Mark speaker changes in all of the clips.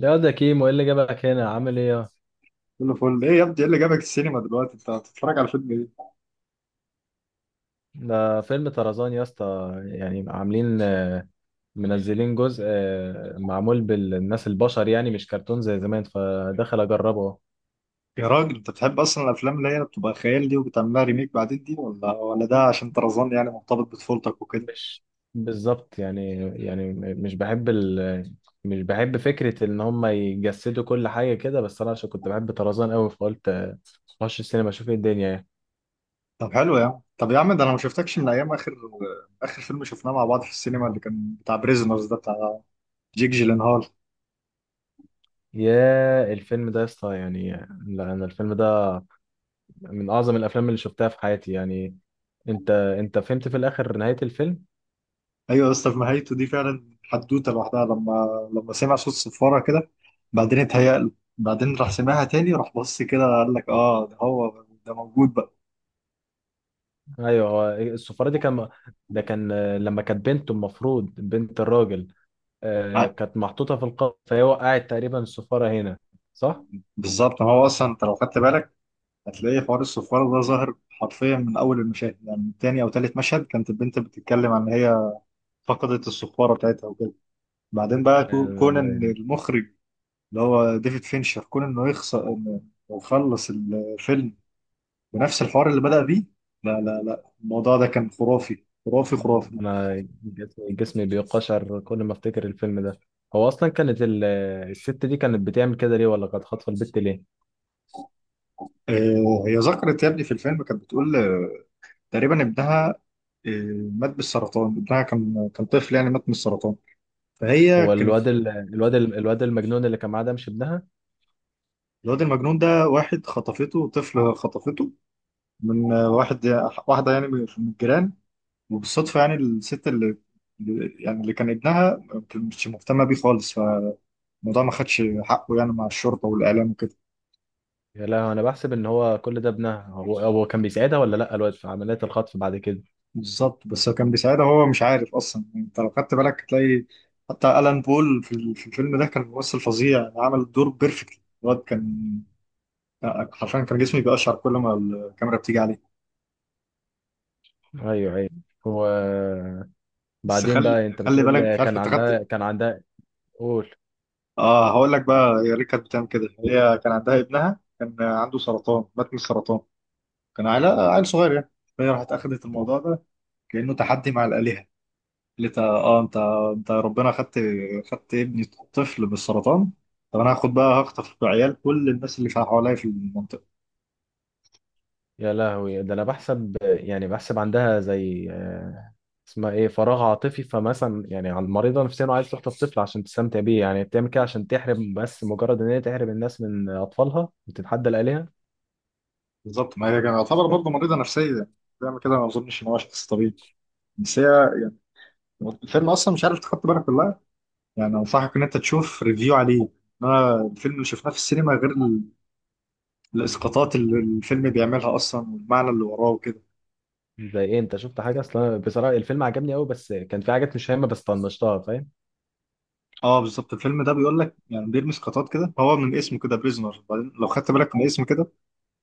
Speaker 1: لا، ده كيمو. ايه اللي جابك هنا؟ عامل ايه
Speaker 2: كله فل ايه يا ابني؟ ايه اللي جابك السينما دلوقتي؟ انت بتتفرج على فيلم ايه؟
Speaker 1: ده فيلم طرزان يا اسطى. يعني عاملين، منزلين جزء، معمول بالناس البشر، يعني مش كرتون زي زمان، فدخل اجربه أهو.
Speaker 2: يا راجل، انت بتحب اصلا الافلام اللي هي بتبقى خيال دي وبتعملها ريميك بعدين دي؟ ولا ده عشان طرزان يعني مرتبط بطفولتك وكده؟
Speaker 1: مش بالظبط يعني. يعني مش بحب فكرة ان هم يجسدوا كل حاجة كده، بس انا عشان كنت بحب طرزان قوي فقلت اخش السينما اشوف ايه الدنيا، يعني.
Speaker 2: طب حلو يا عم، طب يا عم، ده انا ما شفتكش من ايام اخر فيلم شفناه مع بعض في السينما، اللي كان بتاع بريزنرز ده، بتاع جيك جيلنهال.
Speaker 1: يا، الفيلم ده يا اسطى، يعني لا، انا الفيلم ده من اعظم الافلام اللي شفتها في حياتي، يعني. انت فهمت في الاخر نهاية الفيلم؟
Speaker 2: ايوه يا اسطى، في نهايته دي فعلا حدوته لوحدها، لما سمع صوت صفاره كده، بعدين اتهيأ له، بعدين راح سمعها تاني، راح بص كده قال لك: اه، ده هو ده موجود بقى.
Speaker 1: ايوه، هو السفارة دي كان، ده كان لما كانت بنته، المفروض بنت الراجل،
Speaker 2: ع-
Speaker 1: كانت محطوطة في القبر، فهي وقعت تقريبا السفارة هنا. صح.
Speaker 2: بالظبط. ما هو اصلا انت لو خدت بالك هتلاقي حوار الصفارة ده ظاهر حرفيا من أول المشاهد، يعني من تاني أو تالت مشهد كانت البنت بتتكلم عن إن هي فقدت الصفارة بتاعتها وكده. بعدين بقى كون إن
Speaker 1: آه،
Speaker 2: المخرج اللي هو ديفيد فينشر، كون إنه يخسر، إنه يخلص الفيلم بنفس الحوار اللي بدأ بيه. لا لا لا، الموضوع ده كان خرافي خرافي خرافي.
Speaker 1: انا جسمي بيقشعر كل ما افتكر الفيلم ده. هو اصلا كانت الست دي كانت بتعمل كده ليه؟ ولا كانت خاطفه البت ليه؟
Speaker 2: هي ذكرت يا ابني في الفيلم، كانت بتقول تقريبا ابنها مات بالسرطان. ابنها كان طفل يعني، مات من السرطان، فهي
Speaker 1: هو
Speaker 2: كانت.
Speaker 1: الواد المجنون اللي كان معاه ده مش ابنها؟
Speaker 2: الواد المجنون ده واحد خطفته، طفل خطفته من واحدة يعني، من الجيران. وبالصدفة يعني الست اللي يعني اللي كان ابنها مش مهتمة بيه خالص، فالموضوع ما خدش حقه يعني مع الشرطة والإعلام وكده.
Speaker 1: يا، لا، انا بحسب ان هو كل ده ابنها. هو كان بيساعدها، ولا لا، الواد في عمليات الخطف بعد كده؟
Speaker 2: بالظبط، بس هو كان بيساعدها، هو مش عارف أصلا. أنت لو خدت بالك هتلاقي حتى ألان بول في الفيلم ده كان ممثل فظيع، عمل الدور بيرفكت. الواد كان حرفيا، كان جسمي بيقشعر كل ما الكاميرا بتيجي عليه.
Speaker 1: ايوه، ايوه.
Speaker 2: بس
Speaker 1: وبعدين
Speaker 2: خلي
Speaker 1: بقى، انت
Speaker 2: خلي بالك،
Speaker 1: بتقول
Speaker 2: مش عارف
Speaker 1: كان
Speaker 2: انت خدت.
Speaker 1: عندها. قول.
Speaker 2: اه، هقول لك بقى. هي ليه كانت بتعمل كده؟ هي كان عندها ابنها، كان عنده سرطان، مات من السرطان، كان عيل صغير يعني. فهي راحت اخذت الموضوع ده كانه تحدي مع الالهه. قالت: اه، انت يا ربنا خدت ابني، طفل بالسرطان، طب انا هاخد بقى، هخطف بعيال كل الناس اللي في حواليا في المنطقه.
Speaker 1: يا لهوي! ده انا بحسب، يعني بحسب عندها زي، اسمها ايه، فراغ عاطفي. فمثلا يعني، على المريضه نفسيا وعايز تخطف طفل عشان تستمتع بيه، يعني بتعمل كده عشان تحرم، بس مجرد ان هي تحرم الناس من اطفالها وتتحدى الالهه.
Speaker 2: بالظبط. ما هي كانت تعتبر برضه مريضه نفسيه يعني، بتعمل كده. ما اظنش ان هو شخص طبيعي، بس هي يعني. الفيلم اصلا مش عارف تحط بالك ولا لا، يعني انصحك ان انت تشوف ريفيو عليه. انا الفيلم اللي شفناه في السينما غير، الاسقاطات اللي الفيلم بيعملها اصلا والمعنى اللي وراه وكده.
Speaker 1: زي ايه؟ انت شفت حاجه اصلا؟ بصراحه الفيلم عجبني قوي، بس كان في حاجات مش هامه بس طنشتها، فاهم؟
Speaker 2: اه بالظبط، الفيلم ده بيقول لك يعني، بيرمي اسقاطات كده. هو من اسمه كده بريزنر، بعدين لو خدت بالك من اسمه كده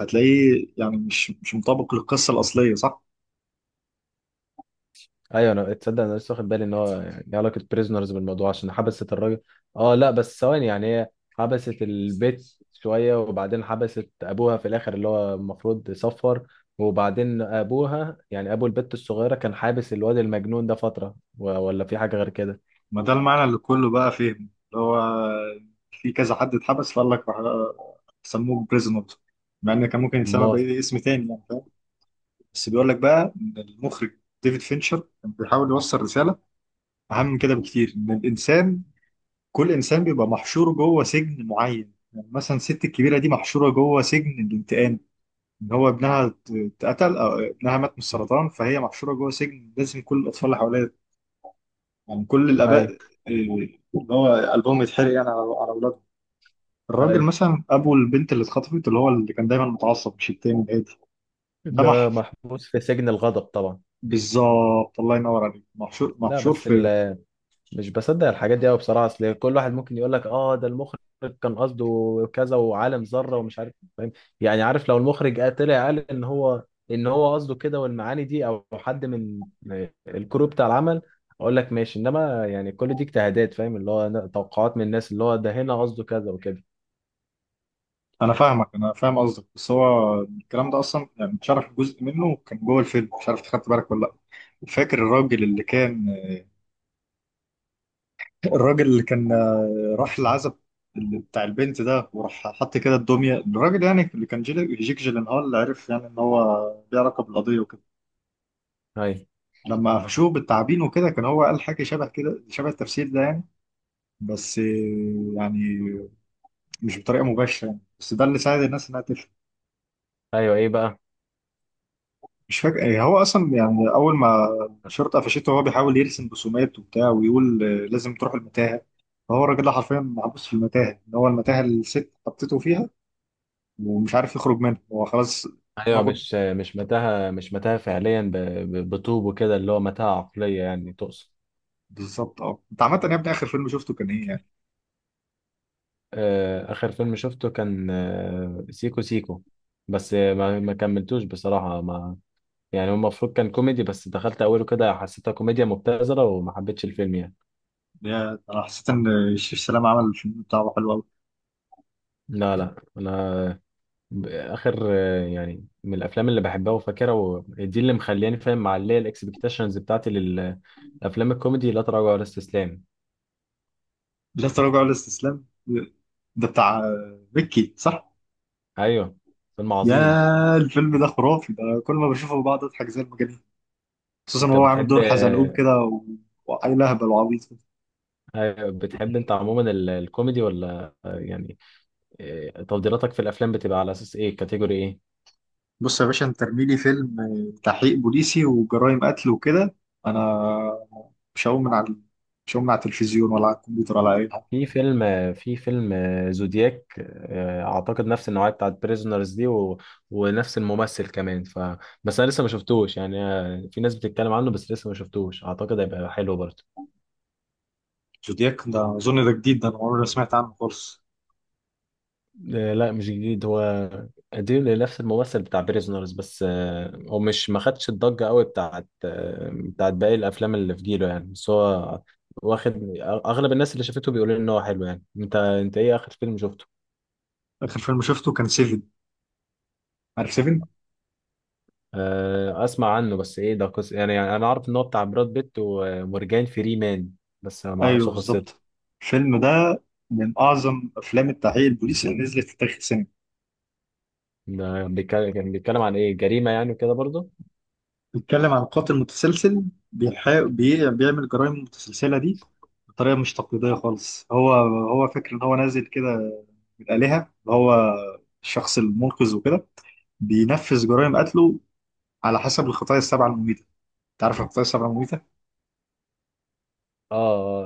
Speaker 2: هتلاقيه يعني مش مطابق للقصه الاصليه، صح؟
Speaker 1: ايوه، انا تصدق، انا لسه واخد بالي ان هو يعني ليه علاقه بريزنرز بالموضوع، عشان حبست الراجل. اه، لا، بس ثواني يعني، هي حبست البيت شويه، وبعدين حبست ابوها في الاخر اللي هو المفروض يصفر، وبعدين ابوها يعني ابو البت الصغيره كان حابس الواد المجنون ده فتره، ولا في حاجه غير كده؟
Speaker 2: ما ده المعنى اللي كله بقى فهم، اللي هو في كذا حد اتحبس فقال لك سموه بريزنر، مع ان كان ممكن يتسمى
Speaker 1: امال.
Speaker 2: باي اسم تاني يعني، فاهم. بس بيقول لك بقى ان المخرج ديفيد فينشر كان بيحاول يوصل رساله اهم من كده بكتير، ان الانسان، كل انسان بيبقى محشور جوه سجن معين. يعني مثلا الست الكبيره دي محشوره جوه سجن الانتقام، ان هو ابنها اتقتل او ابنها مات من السرطان، فهي محشوره جوه سجن لازم كل الاطفال اللي حواليها، يعني كل الاباء،
Speaker 1: اي،
Speaker 2: اللي هو قلبهم يتحرق يعني على اولادهم. الراجل
Speaker 1: اي.
Speaker 2: مثلا ابو البنت اللي اتخطفت، اللي هو اللي كان دايما متعصب، مش التاني الهادي. ده
Speaker 1: ده
Speaker 2: مح
Speaker 1: محبوس في سجن الغضب طبعا.
Speaker 2: بالظبط، الله ينور عليك، محشور،
Speaker 1: لا،
Speaker 2: محشور
Speaker 1: بس
Speaker 2: في.
Speaker 1: مش بصدق الحاجات دي قوي بصراحه. اصل كل واحد ممكن يقول لك اه، ده المخرج كان قصده كذا وعالم ذره ومش عارف، فاهم؟ يعني عارف، لو المخرج طلع قال ان هو، قصده كده والمعاني دي، او حد من الكرو بتاع العمل، اقول لك ماشي. انما يعني كل دي اجتهادات، فاهم، اللي هو توقعات من الناس، اللي هو ده هنا قصده كذا وكده.
Speaker 2: انا فاهم قصدك، بس هو الكلام ده اصلا يعني اتشرح جزء منه كان جوه الفيلم، مش عارف خدت بالك ولا لا. فاكر الراجل اللي كان راح العزب اللي بتاع البنت ده، وراح حط كده الدميه، الراجل يعني اللي كان جيك جيلنهال، اللي عرف يعني ان هو ليه علاقه بالقضيه وكده.
Speaker 1: ايوه،
Speaker 2: لما قفشوه بالتعابين وكده، كان هو قال حاجه شبه كده، شبه التفسير ده يعني، بس يعني مش بطريقه مباشره يعني، بس ده اللي ساعد الناس انها تفهم.
Speaker 1: ايوه. ايه بقى؟
Speaker 2: مش فاكر ايه هو اصلا، يعني اول ما الشرطه قفشته هو بيحاول يرسم رسومات وبتاع ويقول لازم تروح المتاهه. فهو الراجل ده حرفيا محبوس في المتاهه، ان هو المتاهه اللي الست حطيته فيها، ومش عارف يخرج منها، هو خلاص
Speaker 1: ايوه،
Speaker 2: دماغه.
Speaker 1: مش متاهه، مش متاهه فعليا، بطوب وكده، اللي هو متاهه عقليه يعني تقصد.
Speaker 2: بالظبط. اه، انت عامه يا ابني اخر فيلم شفته كان ايه يعني؟
Speaker 1: آخر فيلم شفته كان سيكو سيكو، بس ما كملتوش بصراحة. ما يعني هو المفروض كان كوميدي، بس دخلت أوله كده حسيتها كوميديا مبتذلة وما حبيتش الفيلم يعني.
Speaker 2: انا حسيت ان الشيف سلام عمل الفيلم بتاعه حلو قوي.
Speaker 1: لا، لا، أنا آخر، يعني من الأفلام اللي بحبها وفاكرها، ودي اللي مخلياني فاهم، معلية الإكسبكتيشنز بتاعتي للأفلام الكوميدي، لا تراجع ولا استسلام.
Speaker 2: لا تراجع ولا استسلام، ده بتاع مكي، صح.
Speaker 1: أيوه، فيلم عظيم.
Speaker 2: يا الفيلم ده خرافي، ده كل ما بشوفه بقعد اضحك زي المجانين، خصوصا
Speaker 1: أنت
Speaker 2: وهو عامل
Speaker 1: بتحب
Speaker 2: دور حزلقوم كده، وعيل اهبل وعبيط كده.
Speaker 1: أيوة، بتحب أنت عموما الكوميدي، ولا يعني إيه، تفضيلاتك في الافلام بتبقى على اساس ايه، كاتيجوري ايه؟
Speaker 2: بص يا باشا، انت ارمي لي فيلم تحقيق بوليسي وجرائم قتل وكده، انا مش هقوم من على مش هقوم من على التلفزيون ولا على الكمبيوتر ولا اي حاجه.
Speaker 1: في فيلم في فيلم زودياك، اعتقد نفس النوعيه بتاعت بريزونرز دي، و ونفس الممثل كمان، بس انا لسه ما شفتوش يعني. في ناس بتتكلم عنه بس لسه ما شفتوش، اعتقد هيبقى حلو برضه.
Speaker 2: زودياك ده اظن ده جديد، ده انا عمري ما سمعت عنه خالص.
Speaker 1: لا، مش جديد، هو قديم لنفس الممثل بتاع بريزونرز. بس هو مش ما خدش الضجه قوي بتاعت بتاعت باقي الافلام اللي في جيله يعني، بس هو واخد. اغلب الناس اللي شافته بيقولوا ان هو حلو يعني. انت ايه اخر فيلم شفته؟
Speaker 2: اخر فيلم شفته كان سيفن. عارف سيفن؟
Speaker 1: اسمع عنه، بس ايه ده، قصة يعني انا عارف ان هو بتاع براد بيت ومورجان فري مان، بس ما
Speaker 2: ايوه
Speaker 1: اعرفش قصته.
Speaker 2: بالظبط. الفيلم ده من اعظم افلام التحقيق البوليسي اللي نزلت في تاريخ السينما.
Speaker 1: ده كان بيتكلم عن ايه، جريمة يعني وكده برضه؟
Speaker 2: بيتكلم عن قاتل متسلسل، بيعمل جرائم متسلسلة دي بطريقة مش تقليدية خالص. هو فاكر إن هو نازل كده من الآلهة، اللي هو الشخص المنقذ وكده، بينفذ جرائم قتله على حسب الخطايا السبعة المميتة. أنت عارف الخطايا السبعة المميتة؟
Speaker 1: اه،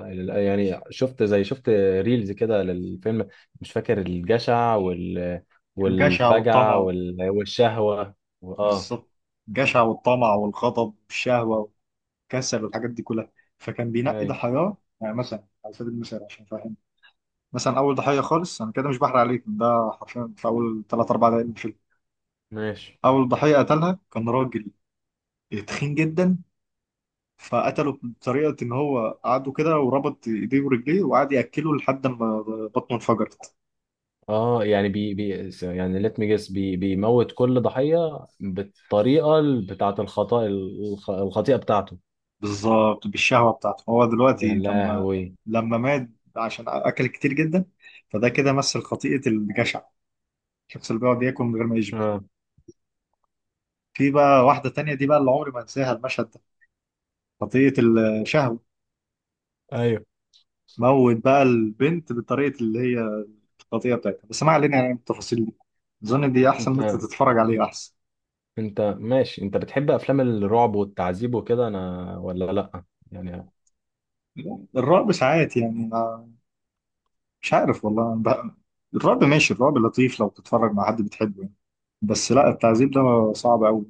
Speaker 1: يعني شفت، زي، شفت ريلز كده للفيلم، مش فاكر، الجشع
Speaker 2: الجشع والطمع
Speaker 1: والفجع
Speaker 2: و.
Speaker 1: والشهوة. اه.
Speaker 2: بالظبط، الجشع والطمع والغضب والشهوة والكسل والحاجات دي كلها. فكان بينقي
Speaker 1: اي،
Speaker 2: ضحاياه يعني، مثلا على سبيل المثال عشان أفهمك، مثلا اول ضحيه خالص، انا كده مش بحرق عليك، ده حرفيا في اول 3 4 دقايق من الفيلم.
Speaker 1: ماشي.
Speaker 2: اول ضحيه قتلها كان راجل تخين جدا، فقتله بطريقه ان هو قعده كده وربط ايديه ورجليه وقعد ياكله لحد ما بطنه انفجرت.
Speaker 1: اه، يعني بي يعني ليت مي جيس، بيموت كل ضحية بالطريقة بتاعة الخطأ، الخطيئة بتاعته.
Speaker 2: بالظبط، بالشهوه بتاعته هو.
Speaker 1: يا
Speaker 2: دلوقتي لما
Speaker 1: لهوي.
Speaker 2: لما مات عشان اكل كتير جدا، فده كده مثل خطيئه الجشع، الشخص اللي بيقعد ياكل من غير ما يشبع.
Speaker 1: اه.
Speaker 2: في بقى واحده تانية دي بقى اللي عمري ما انساها، المشهد ده خطيئه الشهوه.
Speaker 1: ايوه.
Speaker 2: موت بقى البنت بطريقة اللي هي القضية بتاعتها، بس ما علينا يعني من التفاصيل دي، أظن دي أحسن إن أنت
Speaker 1: انت
Speaker 2: تتفرج عليه أحسن.
Speaker 1: انت ماشي، انت بتحب افلام الرعب والتعذيب وكده انا ولا لا؟ يعني.
Speaker 2: الرعب ساعات يعني، ما مش عارف والله بقى. الرعب ماشي، الرعب لطيف لو تتفرج مع حد بتحبه يعني، بس لا، التعذيب ده صعب أوي.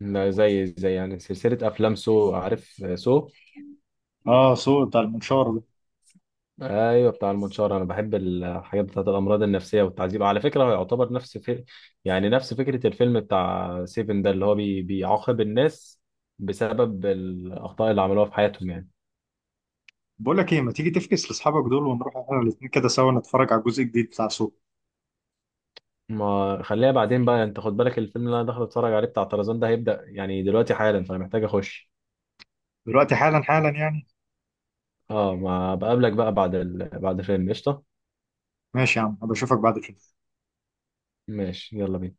Speaker 1: لا، زي يعني سلسله افلام سو، عارف سو؟
Speaker 2: آه، صوت بتاع المنشار ده.
Speaker 1: ايوه، بتاع المنشار. انا بحب الحاجات بتاعت الامراض النفسيه والتعذيب، على فكره هو يعتبر نفس يعني نفس فكره الفيلم بتاع سيفن ده، اللي هو بيعاقب الناس بسبب الاخطاء اللي عملوها في حياتهم، يعني.
Speaker 2: بقول لك إيه، ما تيجي تفكس لأصحابك دول ونروح إحنا الاتنين كده سوا نتفرج على الجزء الجديد بتاع سوق.
Speaker 1: ما خليها بعدين بقى، يعني انت خد بالك الفيلم اللي انا داخل اتفرج عليه بتاع طرزان ده هيبدا يعني دلوقتي حالا، فانا محتاج اخش.
Speaker 2: دلوقتي حالا، حالا يعني.
Speaker 1: اه، ما بقابلك بقى بعد بعد الفيلم، قشطة.
Speaker 2: ماشي يا عم، أبقى أشوفك بعد كده.
Speaker 1: ماشي، يلا بينا.